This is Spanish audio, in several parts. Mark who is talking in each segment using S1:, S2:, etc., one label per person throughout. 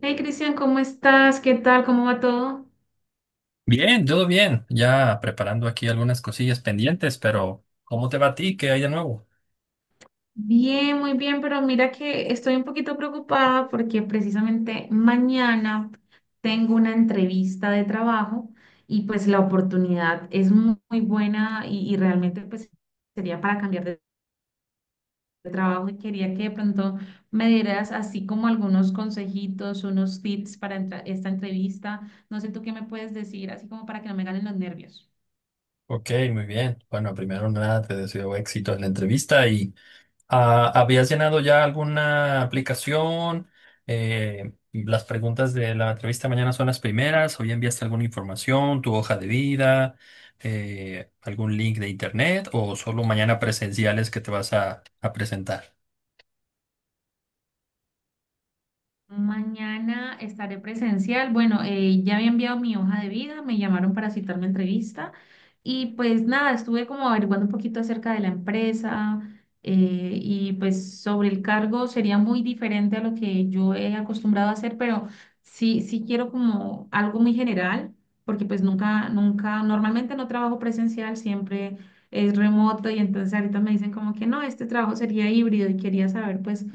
S1: Hey Cristian, ¿cómo estás? ¿Qué tal? ¿Cómo va todo?
S2: Bien, todo bien. Ya preparando aquí algunas cosillas pendientes, pero ¿cómo te va a ti? ¿Qué hay de nuevo?
S1: Bien, muy bien, pero mira que estoy un poquito preocupada porque precisamente mañana tengo una entrevista de trabajo y pues la oportunidad es muy buena y realmente pues sería para cambiar de trabajo y quería que de pronto me dieras así como algunos consejitos, unos tips para esta entrevista. No sé tú qué me puedes decir, así como para que no me ganen los nervios.
S2: Ok, muy bien. Bueno, primero nada, te deseo éxito en la entrevista y ¿habías llenado ya alguna aplicación? Las preguntas de la entrevista mañana son las primeras, o ya enviaste alguna información, tu hoja de vida, algún link de internet o solo mañana presenciales que te vas a presentar.
S1: Mañana estaré presencial. Bueno, ya había enviado mi hoja de vida, me llamaron para citarme a entrevista y pues nada, estuve como averiguando un poquito acerca de la empresa y pues sobre el cargo sería muy diferente a lo que yo he acostumbrado a hacer, pero sí quiero como algo muy general, porque pues nunca, nunca, normalmente no trabajo presencial, siempre es remoto y entonces ahorita me dicen como que no, este trabajo sería híbrido y quería saber pues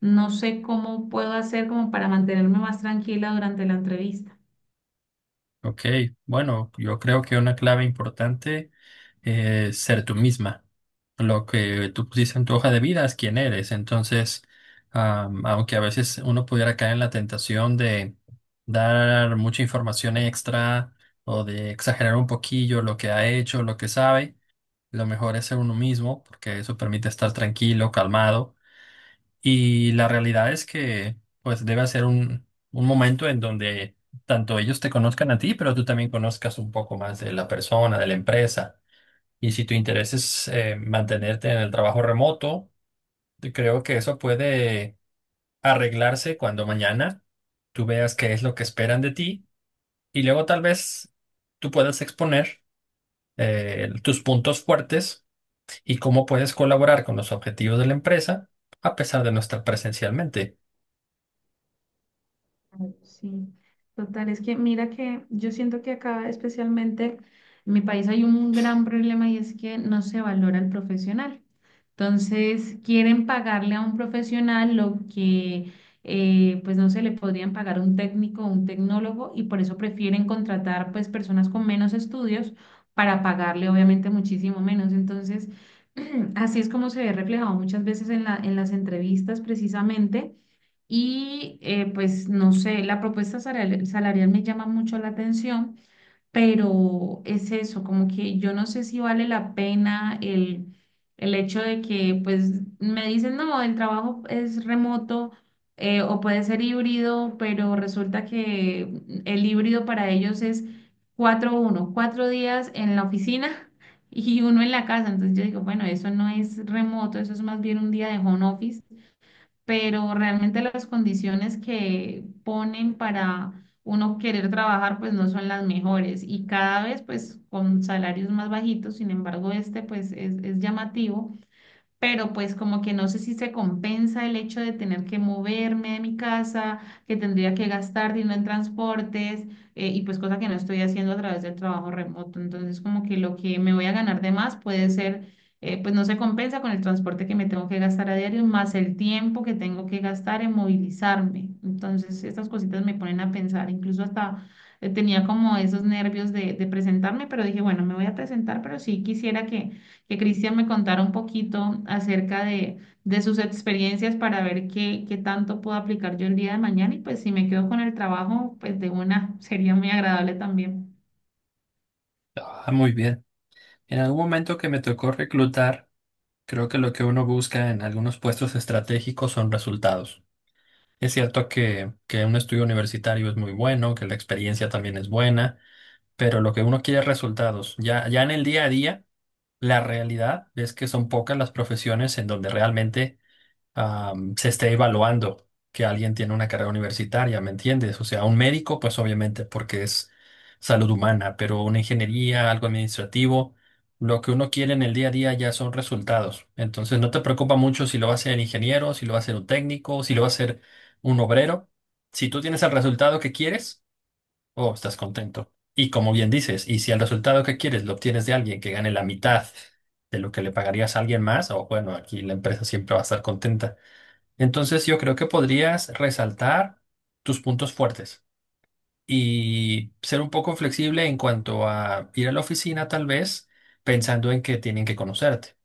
S1: no sé cómo puedo hacer como para mantenerme más tranquila durante la entrevista.
S2: Ok, bueno, yo creo que una clave importante es ser tú misma. Lo que tú pusiste en tu hoja de vida es quién eres. Entonces, aunque a veces uno pudiera caer en la tentación de dar mucha información extra o de exagerar un poquillo lo que ha hecho, lo que sabe, lo mejor es ser uno mismo porque eso permite estar tranquilo, calmado y la realidad es que, pues, debe ser un momento en donde tanto ellos te conozcan a ti, pero tú también conozcas un poco más de la persona, de la empresa. Y si tu interés es mantenerte en el trabajo remoto, yo creo que eso puede arreglarse cuando mañana tú veas qué es lo que esperan de ti y luego tal vez tú puedas exponer tus puntos fuertes y cómo puedes colaborar con los objetivos de la empresa a pesar de no estar presencialmente.
S1: Sí, total, es que mira que yo siento que acá especialmente en mi país hay un gran problema y es que no se valora el profesional. Entonces, quieren pagarle a un profesional lo que pues no se le podrían pagar a un técnico o un tecnólogo y por eso prefieren contratar pues personas con menos estudios para pagarle obviamente muchísimo menos. Entonces, así es como se ve reflejado muchas veces en en las entrevistas precisamente y pues no sé, la propuesta salarial me llama mucho la atención, pero es eso, como que yo no sé si vale la pena el hecho de que pues me dicen, no, el trabajo es remoto o puede ser híbrido, pero resulta que el híbrido para ellos es cuatro días en la oficina y uno en la casa. Entonces yo digo, bueno, eso no es remoto, eso es más bien un día de home office, pero realmente las condiciones que ponen para uno querer trabajar pues no son las mejores y cada vez pues con salarios más bajitos, sin embargo este pues es llamativo, pero pues como que no sé si se compensa el hecho de tener que moverme de mi casa, que tendría que gastar dinero en transportes y pues cosa que no estoy haciendo a través del trabajo remoto. Entonces como que lo que me voy a ganar de más puede ser, pues no se compensa con el transporte que me tengo que gastar a diario, más el tiempo que tengo que gastar en movilizarme. Entonces estas cositas me ponen a pensar, incluso hasta... Tenía como esos nervios de presentarme, pero dije, bueno, me voy a presentar, pero sí quisiera que Cristian me contara un poquito acerca de sus experiencias para ver qué tanto puedo aplicar yo el día de mañana y pues si me quedo con el trabajo, pues de una sería muy agradable también.
S2: Ah, muy bien. En algún momento que me tocó reclutar, creo que lo que uno busca en algunos puestos estratégicos son resultados. Es cierto que un estudio universitario es muy bueno, que la experiencia también es buena, pero lo que uno quiere es resultados. Ya en el día a día, la realidad es que son pocas las profesiones en donde realmente se esté evaluando que alguien tiene una carrera universitaria, ¿me entiendes? O sea, un médico, pues obviamente, porque es salud humana, pero una ingeniería, algo administrativo, lo que uno quiere en el día a día ya son resultados. Entonces, no te preocupa mucho si lo va a hacer el ingeniero, si lo va a hacer un técnico, si lo va a hacer un obrero. Si tú tienes el resultado que quieres, oh, estás contento. Y como bien dices, y si el resultado que quieres lo obtienes de alguien que gane la mitad de lo que le pagarías a alguien más, o bueno, aquí la empresa siempre va a estar contenta. Entonces yo creo que podrías resaltar tus puntos fuertes y ser un poco flexible en cuanto a ir a la oficina tal vez pensando en que tienen que conocerte.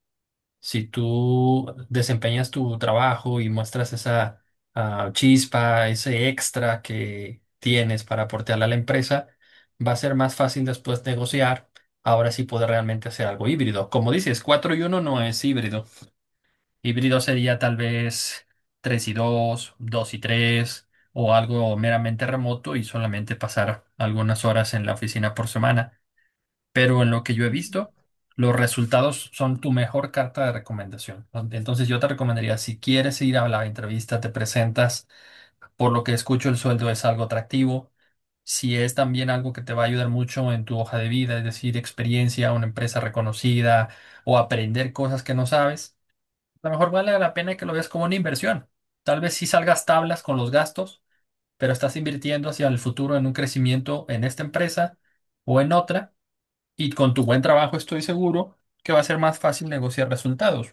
S2: Si tú desempeñas tu trabajo y muestras esa chispa, ese extra que tienes para aportarle a la empresa, va a ser más fácil después negociar. Ahora sí poder realmente hacer algo híbrido. Como dices, 4 y uno no es híbrido. Híbrido sería tal vez 3 y 2, 2 y 3, o algo meramente remoto y solamente pasar algunas horas en la oficina por semana. Pero en lo que yo he visto, los resultados son tu mejor carta de recomendación. Entonces yo te recomendaría, si quieres ir a la entrevista, te presentas. Por lo que escucho, el sueldo es algo atractivo. Si es también algo que te va a ayudar mucho en tu hoja de vida, es decir, experiencia, una empresa reconocida o aprender cosas que no sabes. A lo mejor vale la pena que lo veas como una inversión. Tal vez sí salgas tablas con los gastos, pero estás invirtiendo hacia el futuro en un crecimiento en esta empresa o en otra, y con tu buen trabajo estoy seguro que va a ser más fácil negociar resultados.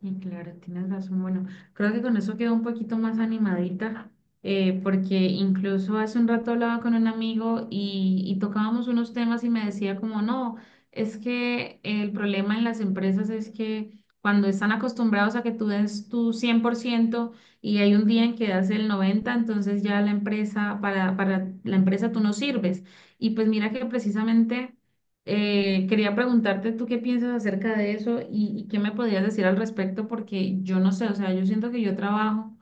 S1: Sí, claro, tienes razón. Bueno, creo que con eso quedo un poquito más animadita, porque incluso hace un rato hablaba con un amigo y tocábamos unos temas y me decía como, no, es que el problema en las empresas es que cuando están acostumbrados a que tú des tu 100% y hay un día en que das el 90%, entonces ya la empresa, para la empresa tú no sirves. Y pues mira que precisamente... quería preguntarte tú qué piensas acerca de eso y qué me podrías decir al respecto, porque yo no sé, o sea, yo siento que yo trabajo,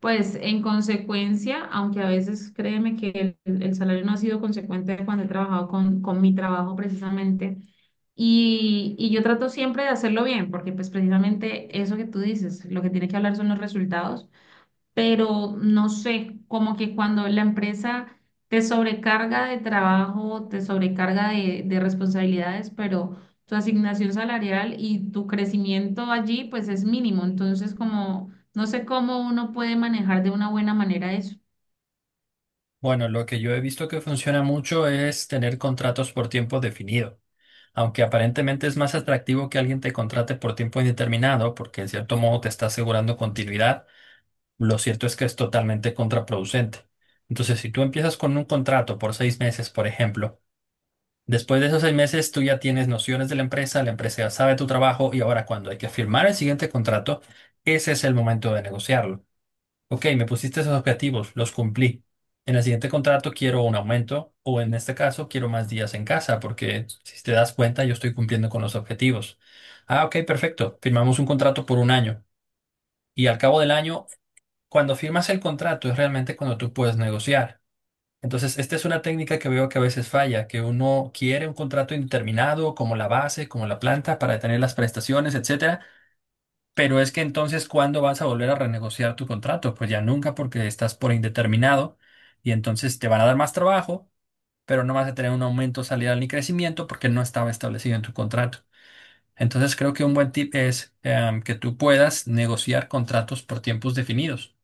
S1: pues en consecuencia, aunque a veces créeme que el salario no ha sido consecuente cuando he trabajado con mi trabajo precisamente. Y yo trato siempre de hacerlo bien, porque pues precisamente eso que tú dices, lo que tiene que hablar son los resultados, pero no sé, como que cuando la empresa te sobrecarga de trabajo, te sobrecarga de responsabilidades, pero tu asignación salarial y tu crecimiento allí pues es mínimo, entonces como no sé cómo uno puede manejar de una buena manera eso.
S2: Bueno, lo que yo he visto que funciona mucho es tener contratos por tiempo definido. Aunque aparentemente es más atractivo que alguien te contrate por tiempo indeterminado, porque en cierto modo te está asegurando continuidad, lo cierto es que es totalmente contraproducente. Entonces, si tú empiezas con un contrato por seis meses, por ejemplo, después de esos seis meses tú ya tienes nociones de la empresa ya sabe tu trabajo y ahora cuando hay que firmar el siguiente contrato, ese es el momento de negociarlo. Ok, me pusiste esos objetivos, los cumplí. En el siguiente contrato quiero un aumento o en este caso quiero más días en casa porque si te das cuenta yo estoy cumpliendo con los objetivos. Ah, ok, perfecto. Firmamos un contrato por un año y al cabo del año cuando firmas el contrato es realmente cuando tú puedes negociar. Entonces, esta es una técnica que veo que a veces falla, que uno quiere un contrato indeterminado como la base, como la planta para tener las prestaciones, etcétera, pero es que entonces ¿cuándo vas a volver a renegociar tu contrato? Pues ya nunca porque estás por indeterminado y entonces te van a dar más trabajo, pero no vas a tener un aumento salarial ni crecimiento porque no estaba establecido en tu contrato. Entonces, creo que un buen tip es que tú puedas negociar contratos por tiempos definidos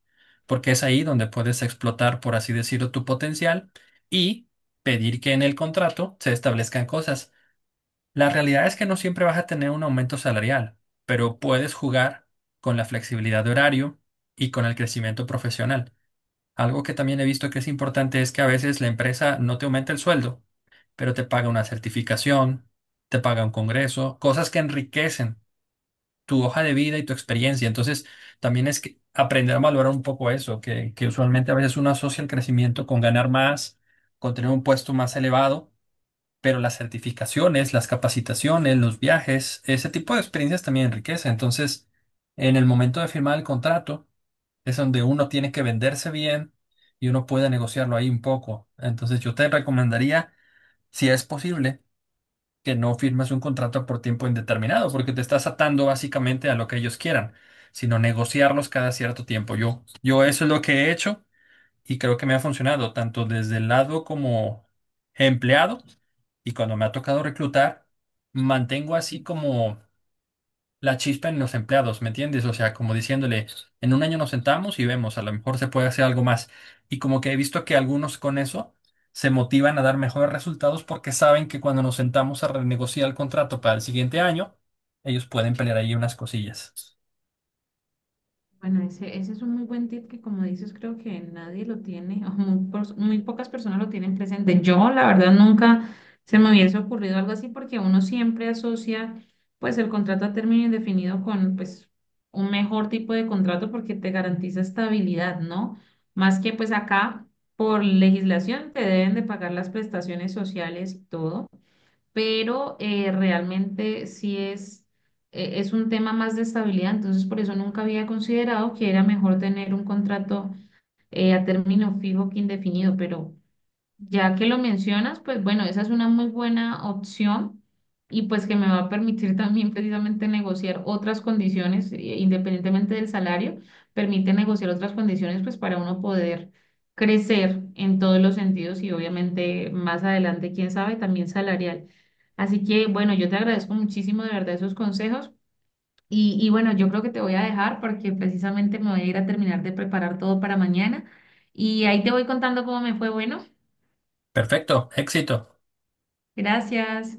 S2: porque es ahí donde puedes explotar, por así decirlo, tu potencial y pedir que en el contrato se establezcan cosas. La realidad es que no siempre vas a tener un aumento salarial, pero puedes jugar con la flexibilidad de horario y con el crecimiento profesional. Algo que también he visto que es importante es que a veces la empresa no te aumenta el sueldo, pero te paga una certificación, te paga un congreso, cosas que enriquecen tu hoja de vida y tu experiencia. Entonces, también es que aprender a valorar un poco eso, que usualmente a veces uno asocia el crecimiento con ganar más, con tener un puesto más elevado, pero las certificaciones, las capacitaciones, los viajes, ese tipo de experiencias también enriquece. Entonces, en el momento de firmar el contrato, es donde uno tiene que venderse bien y uno puede negociarlo ahí un poco. Entonces, yo te recomendaría, si es posible, que no firmes un contrato por tiempo indeterminado, porque te estás atando básicamente a lo que ellos quieran, sino negociarlos cada cierto tiempo. Yo eso es lo que he hecho y creo que me ha funcionado, tanto desde el lado como empleado y cuando me ha tocado reclutar, mantengo así como la chispa en los empleados, ¿me entiendes? O sea, como diciéndole, en un año nos sentamos y vemos, a lo mejor se puede hacer algo más. Y como que he visto que algunos con eso se motivan a dar mejores resultados porque saben que cuando nos sentamos a renegociar el contrato para el siguiente año, ellos pueden pelear ahí unas cosillas.
S1: Bueno, ese es un muy buen tip que, como dices, creo que nadie lo tiene, o muy pocas personas lo tienen presente. Yo, la verdad, nunca se me hubiese ocurrido algo así porque uno siempre asocia pues el contrato a término indefinido con pues un mejor tipo de contrato porque te garantiza estabilidad, ¿no? Más que pues acá por legislación te deben de pagar las prestaciones sociales y todo, pero realmente sí es, es un tema más de estabilidad, entonces por eso nunca había considerado que era mejor tener un contrato a término fijo que indefinido, pero ya que lo mencionas, pues bueno, esa es una muy buena opción y pues que me va a permitir también precisamente negociar otras condiciones, independientemente del salario, permite negociar otras condiciones pues para uno poder crecer en todos los sentidos y obviamente más adelante, quién sabe, también salarial. Así que bueno, yo te agradezco muchísimo de verdad esos consejos y bueno, yo creo que te voy a dejar porque precisamente me voy a ir a terminar de preparar todo para mañana y ahí te voy contando cómo me fue, bueno.
S2: Perfecto, éxito.
S1: Gracias.